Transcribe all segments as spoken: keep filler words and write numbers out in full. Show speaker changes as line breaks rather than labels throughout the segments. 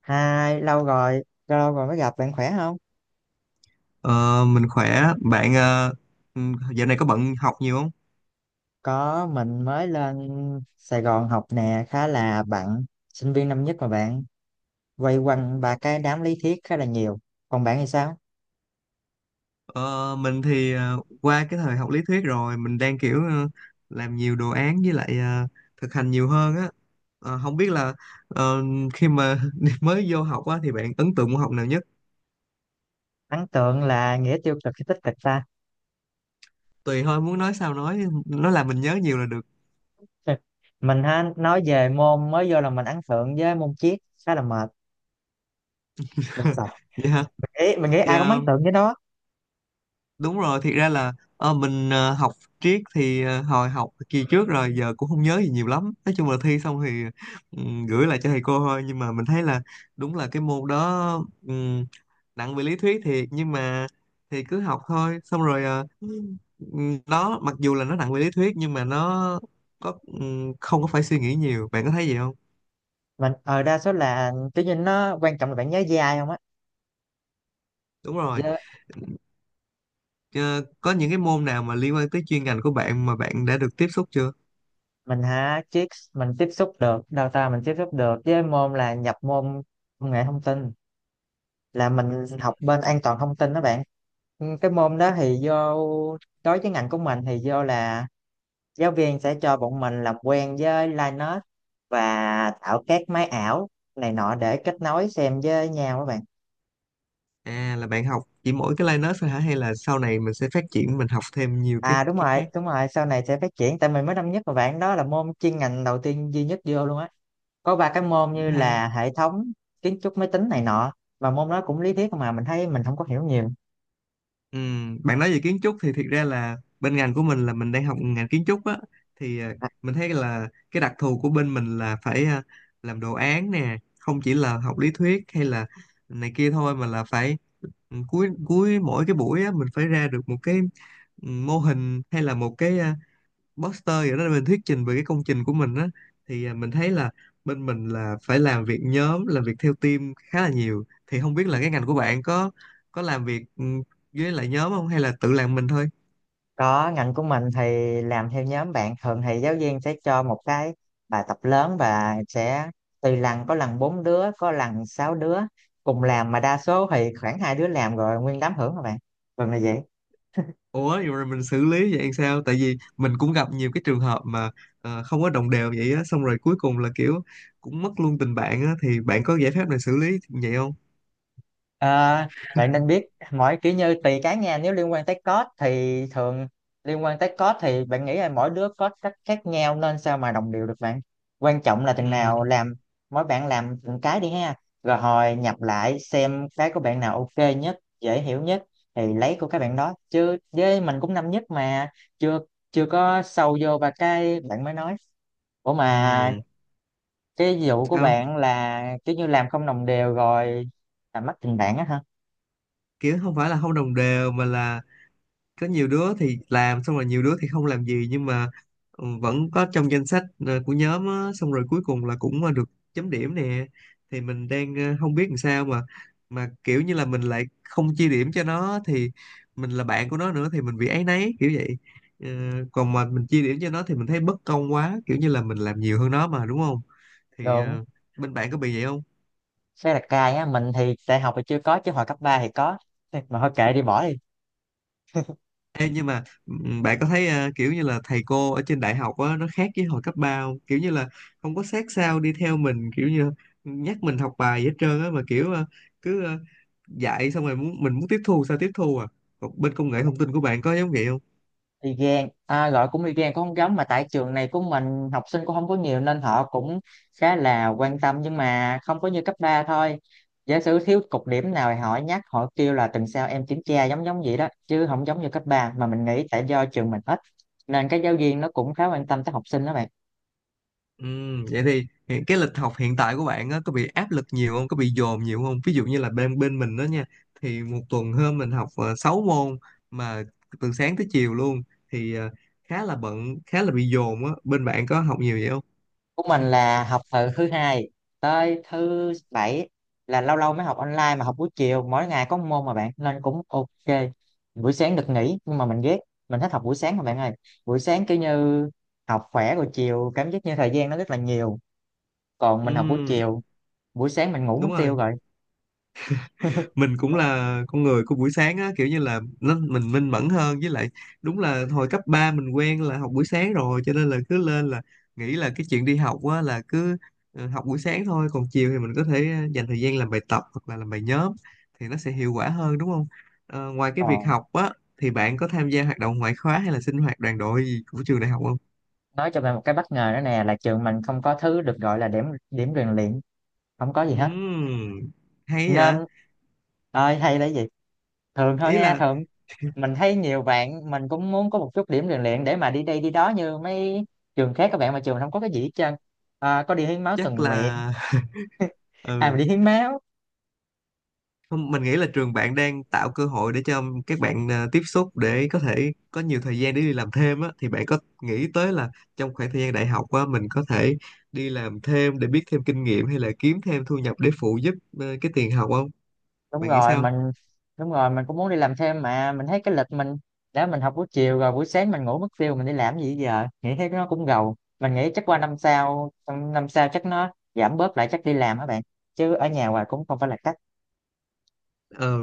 Hai, lâu rồi, lâu rồi mới gặp, bạn khỏe không?
Ờ, mình khỏe bạn ờ, ừ, Dạo này có bận học nhiều không?
Có, mình mới lên Sài Gòn học nè, khá là bận, sinh viên năm nhất mà bạn, quay quanh ba cái đám lý thuyết khá là nhiều. Còn bạn thì sao?
Ờ, mình thì ờ, qua cái thời học lý thuyết rồi, mình đang kiểu ờ, làm nhiều đồ án với lại ờ, thực hành nhiều hơn á. Ờ, không biết là ờ, khi mà mới vô học á thì bạn ấn tượng môn học nào nhất?
Ấn tượng là nghĩa tiêu cực hay tích cực ta?
Tùy thôi, muốn nói sao nói, nó làm mình nhớ nhiều là được.
Mình ha, nói về môn mới vô là mình ấn tượng với môn triết, khá là mệt, mình sợ.
Dạ.
Mình nghĩ, mình nghĩ ai cũng ấn
Dạ
tượng với nó.
đúng rồi, thiệt ra là ờ, mình ờ, học triết thì ờ, hồi học kỳ trước rồi giờ cũng không nhớ gì nhiều lắm, nói chung là thi xong thì ừm, gửi lại cho thầy cô thôi. Nhưng mà mình thấy là đúng là cái môn đó ừm, nặng về lý thuyết thiệt, nhưng mà thì cứ học thôi, xong rồi ờ, ừm, đó mặc dù là nó nặng về lý thuyết nhưng mà nó có, ừm, không có phải suy nghĩ nhiều. Bạn có thấy gì không?
Mình, ờ đa số là, tự nhiên nó quan trọng là bạn nhớ với ai không á.
Đúng
Chứ
rồi. Ờ, có những cái môn nào mà liên quan tới chuyên ngành của bạn mà bạn đã được tiếp xúc chưa?
mình hả, chiếc mình tiếp xúc được đào tạo, mình tiếp xúc được với môn là nhập môn công nghệ thông tin, là mình học bên an toàn thông tin đó bạn. Ừ, cái môn đó thì do, đối với ngành của mình thì do là giáo viên sẽ cho bọn mình làm quen với Linux và tạo các máy ảo này nọ để kết nối xem với nhau các bạn.
À, là bạn học chỉ mỗi cái Linux thôi hả, hay là sau này mình sẽ phát triển, mình học thêm nhiều cái
À, đúng
cái
rồi
khác?
đúng rồi, sau này sẽ phát triển tại mình mới năm nhất mà bạn, đó là môn chuyên ngành đầu tiên duy nhất vô luôn á, có ba cái môn
Cũng
như
hay.
là hệ thống, kiến trúc máy tính này nọ, và môn đó cũng lý thuyết mà mình thấy mình không có hiểu nhiều.
Ừ, bạn nói về kiến trúc thì thiệt ra là bên ngành của mình là mình đang học ngành kiến trúc á. Thì ờ,
À,
mình thấy là cái đặc thù của bên mình là phải ờ, làm đồ án nè, không chỉ là học lý thuyết hay là này kia thôi, mà là phải ừ, cuối cuối mỗi cái buổi á mình phải ra được một cái ừ, mô hình, hay là một cái à, Buster vậy đó, mình thuyết trình về cái công trình của mình á. Thì à, mình thấy là bên mình là phải làm việc nhóm, làm việc theo team khá là nhiều. Thì không biết là cái ngành của bạn có có làm việc ừ, với lại nhóm không, hay là tự làm mình thôi?
có, ngành của mình thì làm theo nhóm bạn, thường thì giáo viên sẽ cho một cái bài tập lớn và sẽ tùy lần, có lần bốn đứa có lần sáu đứa cùng làm, mà đa số thì khoảng hai đứa làm rồi nguyên đám hưởng các bạn, thường là vậy.
Ủa, vậy rồi mình xử lý vậy sao? Tại vì mình cũng gặp nhiều cái trường hợp mà ờ, không có đồng đều vậy á, xong rồi cuối cùng là kiểu cũng mất luôn tình bạn á. Thì bạn có giải pháp nào xử lý vậy không?
À, bạn nên biết, mỗi kiểu như tùy cá nhân, nếu liên quan tới code thì thường, liên quan tới code thì bạn nghĩ là mỗi đứa code cách khác nhau nên sao mà đồng đều được bạn, quan trọng là
Ừ.
từng nào làm. Mỗi bạn làm từng cái đi ha, rồi hồi nhập lại xem cái của bạn nào ok nhất, dễ hiểu nhất thì lấy của các bạn đó. Chứ với mình cũng năm nhất mà chưa chưa có sâu vô. Và cái bạn mới nói, ủa mà,
Ừ.
cái vụ của
Sao?
bạn là kiểu như làm không đồng đều rồi làm mất tình bạn á hả?
Kiểu không phải là không đồng đều mà là có nhiều đứa thì làm xong rồi, nhiều đứa thì không làm gì. Nhưng mà ừ, vẫn có trong danh sách ờ, của nhóm á, xong rồi cuối cùng là cũng ờ, được chấm điểm nè. Thì mình đang ờ, không biết làm sao, mà mà kiểu như là mình lại không chia điểm cho nó thì mình là bạn của nó nữa thì mình bị áy náy kiểu vậy. Ờ, Còn mà mình chia điểm cho nó thì mình thấy bất công quá, kiểu như là mình làm nhiều hơn nó mà đúng không? Thì
Được.
ờ, bên bạn có bị vậy không?
Xe đặt cài á, mình thì đại học thì chưa có, chứ hồi cấp ba thì có. Thì mà thôi kệ đi, bỏ đi.
Ê, nhưng mà ừm, bạn có thấy à, kiểu như là thầy cô ở trên đại học á, nó khác với hồi cấp ba không? Kiểu như là không có sát sao đi theo mình, kiểu như nhắc mình học bài gì hết trơn á, mà kiểu à, cứ à, dạy xong rồi muốn mình muốn tiếp thu sao tiếp thu à? Còn bên công nghệ thông tin của bạn có giống vậy?
Y gan à, gọi cũng y gan cũng không giống mà, tại trường này của mình học sinh cũng không có nhiều nên họ cũng khá là quan tâm, nhưng mà không có như cấp ba thôi. Giả sử thiếu cục điểm nào thì họ nhắc, họ kêu là tuần sau em kiểm tra, giống giống vậy đó chứ không giống như cấp ba, mà mình nghĩ tại do trường mình ít nên các giáo viên nó cũng khá quan tâm tới học sinh đó bạn.
Ừm, vậy thì hiện cái lịch học hiện tại của bạn á, có bị áp lực nhiều không? Có bị dồn nhiều không? Ví dụ như là bên bên mình đó nha, thì một tuần hôm mình học uh, sáu môn, mà từ sáng tới chiều luôn. Thì ờ, khá là bận, khá là bị dồn á. Bên bạn có học nhiều vậy không?
Của mình là học từ thứ hai tới thứ bảy, là lâu lâu mới học online mà học buổi chiều, mỗi ngày có một môn mà bạn nên cũng ok. Buổi sáng được nghỉ nhưng mà mình ghét, mình thích học buổi sáng mà bạn ơi. Buổi sáng kiểu như học khỏe, rồi chiều cảm giác như thời gian nó rất là nhiều. Còn mình học buổi
Ừm,
chiều, buổi sáng mình ngủ mất
đúng rồi.
tiêu rồi.
Mình cũng là con người của buổi sáng á, kiểu như là nó, mình minh mẫn hơn, với lại đúng là hồi cấp ba mình quen là học buổi sáng rồi, cho nên là cứ lên là nghĩ là cái chuyện đi học á là cứ ờ, học buổi sáng thôi, còn chiều thì mình có thể ờ, dành thời gian làm bài tập hoặc là làm bài nhóm thì nó sẽ hiệu quả hơn, đúng không? Ờ, ngoài cái việc
Còn,
học á thì bạn có tham gia hoạt động ngoại khóa hay là sinh hoạt đoàn đội gì của trường đại học không?
nói cho bạn một cái bất ngờ nữa nè, là trường mình không có thứ được gọi là điểm, điểm rèn luyện, không có gì hết,
Ừm, hay vậy.
nên ơi hay là gì, thường thôi
Ý
nghe,
là,
thường. Mình thấy nhiều bạn mình cũng muốn có một chút điểm rèn luyện để mà đi đây đi đó như mấy trường khác các bạn, mà trường mình không có cái gì hết trơn. À, có đi hiến máu tình
chắc
nguyện,
là,
à mình
ừ.
đi hiến máu.
Không, mình nghĩ là trường bạn đang tạo cơ hội để cho các bạn ờ, tiếp xúc, để có thể có nhiều thời gian để đi làm thêm á. Thì bạn có nghĩ tới là trong khoảng thời gian đại học á mình có thể đi làm thêm để biết thêm kinh nghiệm, hay là kiếm thêm thu nhập để phụ giúp ờ, cái tiền học không?
đúng
Bạn nghĩ
rồi
sao?
mình đúng rồi mình cũng muốn đi làm thêm, mà mình thấy cái lịch mình, đã mình học buổi chiều rồi buổi sáng mình ngủ mất tiêu, mình đi làm gì giờ, nghĩ thấy nó cũng gầu. Mình nghĩ chắc qua năm sau, năm năm sau chắc nó giảm bớt lại, chắc đi làm các bạn, chứ ở nhà hoài cũng không phải là cách.
Ờ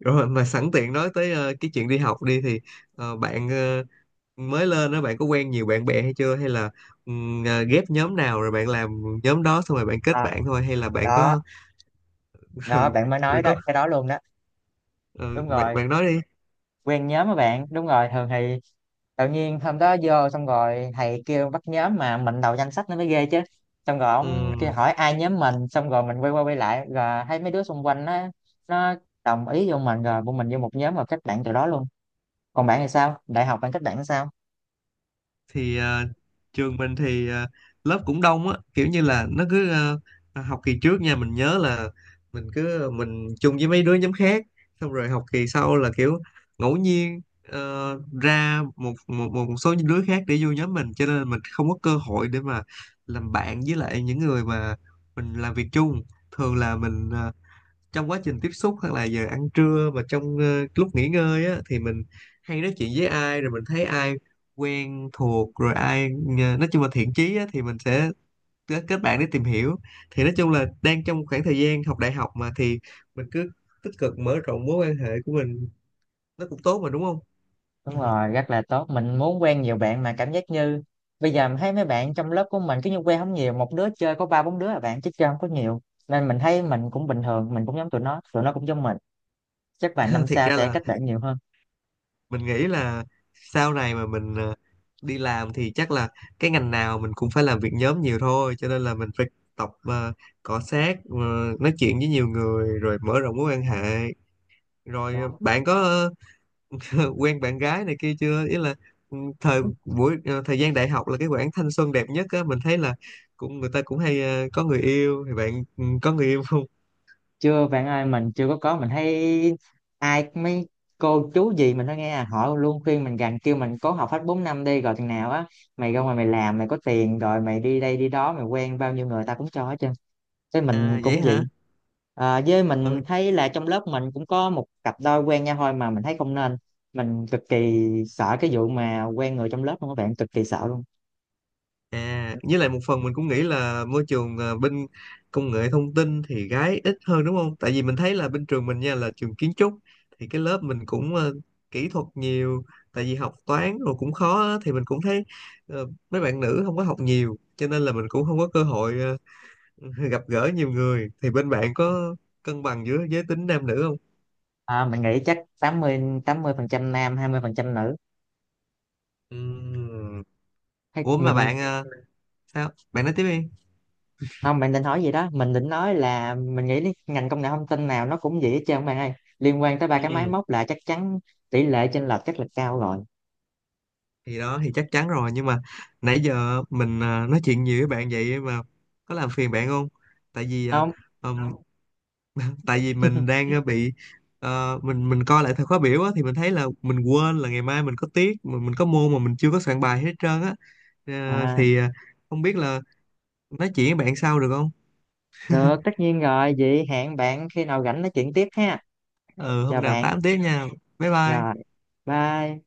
rồi, mà sẵn tiện nói tới ờ, cái chuyện đi học đi thì ờ, bạn ờ, mới lên đó, bạn có quen nhiều bạn bè hay chưa, hay là ừm, ờ, ghép nhóm nào rồi bạn làm nhóm đó xong rồi bạn kết
À,
bạn thôi, hay là bạn
đó
có
đó,
rồi,
bạn mới
rồi
nói đó,
có
cái đó luôn đó.
ờ,
Đúng
bạn
rồi,
bạn nói đi.
quen nhóm các bạn, đúng rồi, thường thì tự nhiên hôm đó vô xong rồi thầy kêu bắt nhóm mà mình đầu danh sách nó mới ghê chứ, xong rồi ông kia
Ừ,
hỏi ai nhóm mình, xong rồi mình quay qua quay lại rồi thấy mấy đứa xung quanh nó nó đồng ý vô mình, rồi bọn mình vô một nhóm và kết bạn từ đó luôn. Còn bạn thì sao, đại học bạn kết bạn sao?
thì ờ, trường mình thì ờ, lớp cũng đông á, kiểu như là nó cứ ờ, à, học kỳ trước nha mình nhớ là mình cứ ờ, mình chung với mấy đứa nhóm khác, xong rồi học kỳ sau là kiểu ngẫu nhiên ờ, ra một, một một số những đứa khác để vô nhóm mình, cho nên mình không có cơ hội để mà làm bạn với lại những người mà mình làm việc chung. Thường là mình ờ, trong quá trình tiếp xúc hoặc là giờ ăn trưa và trong ờ, lúc nghỉ ngơi á thì mình hay nói chuyện với ai, rồi mình thấy ai quen thuộc, rồi ai ờ, nói chung là thiện chí á, thì mình sẽ kết kết bạn để tìm hiểu. Thì nói chung là đang trong khoảng thời gian học đại học mà, thì mình cứ tích cực mở rộng mối quan hệ của mình, nó cũng tốt mà đúng không?
Đúng rồi, rất là tốt, mình muốn quen nhiều bạn mà cảm giác như bây giờ mình thấy mấy bạn trong lớp của mình cứ như quen không nhiều, một đứa chơi có ba bốn đứa là bạn chứ chơi không có nhiều, nên mình thấy mình cũng bình thường, mình cũng giống tụi nó tụi nó cũng giống mình. Chắc bạn năm
Thiệt
sau
ra
sẽ
là
cách đẩy nhiều hơn.
mình nghĩ là sau này mà mình ờ, đi làm thì chắc là cái ngành nào mình cũng phải làm việc nhóm nhiều thôi, cho nên là mình phải tập ờ, cọ xát, ờ, nói chuyện với nhiều người rồi mở rộng
Đúng
mối quan
rồi.
hệ. Rồi ờ,
đúng
bạn có ờ, quen bạn gái này kia chưa? Ý là ừ, thời buổi ờ, thời gian đại học là cái khoảng thanh xuân đẹp nhất á, mình thấy là cũng người ta cũng hay ờ, có người yêu. Thì bạn ừ, có người yêu không?
Chưa bạn ơi, mình chưa có. Có mình thấy ai, mấy cô chú gì mình nói nghe à, họ luôn khuyên mình rằng, kêu mình cố học hết bốn năm đi, rồi chừng nào á mày ra ngoài mày làm mày có tiền rồi mày đi đây đi đó, mày quen bao nhiêu người ta cũng cho hết trơn, thế mình
À, vậy
cũng vậy.
hả?
À, với
Ừ.
mình thấy là trong lớp mình cũng có một cặp đôi quen nhau thôi mà mình thấy không nên, mình cực kỳ sợ cái vụ mà quen người trong lớp luôn các bạn, cực kỳ sợ luôn.
À, với lại một phần mình cũng nghĩ là môi trường à, bên công nghệ thông tin thì gái ít hơn đúng không? Tại vì mình thấy là bên trường mình nha là trường kiến trúc, thì cái lớp mình cũng ờ, kỹ thuật nhiều, tại vì học toán rồi cũng khó á, thì mình cũng thấy ờ, mấy bạn nữ không có học nhiều cho nên là mình cũng không có cơ hội ờ, gặp gỡ nhiều người. Thì bên bạn có cân bằng giữa giới tính nam nữ không?
À, mình nghĩ chắc tám mươi tám mươi phần trăm nam, hai mươi phần trăm nữ.
Ừm.
Hay
Ủa, mà
mình,
bạn ờ, sao? Bạn nói tiếp đi.
không, bạn định hỏi gì đó, mình định nói là mình nghĩ đến ngành công nghệ thông tin nào nó cũng vậy hết trơn bạn ơi, liên quan tới ba cái máy
Ừ.
móc là chắc chắn tỷ lệ chênh lệch chắc là cao rồi.
Thì đó thì chắc chắn rồi, nhưng mà nãy giờ mình à, nói chuyện nhiều với bạn vậy mà có làm phiền bạn không? tại vì à,
Không.
ừm, tại vì mình đang à, bị, ờ, mình mình coi lại thời khóa biểu á, thì mình thấy là mình quên là ngày mai mình có tiết, mình, mình có môn mà mình chưa có soạn bài hết trơn á. Ờ,
À,
thì à, không biết là nói chuyện với bạn sau được không?
được, tất nhiên rồi, vậy hẹn bạn khi nào rảnh nói chuyện tiếp ha.
Ừ,
Chào
hôm nào
bạn.
tám tiết nha. Bye
Rồi.
bye.
Bye.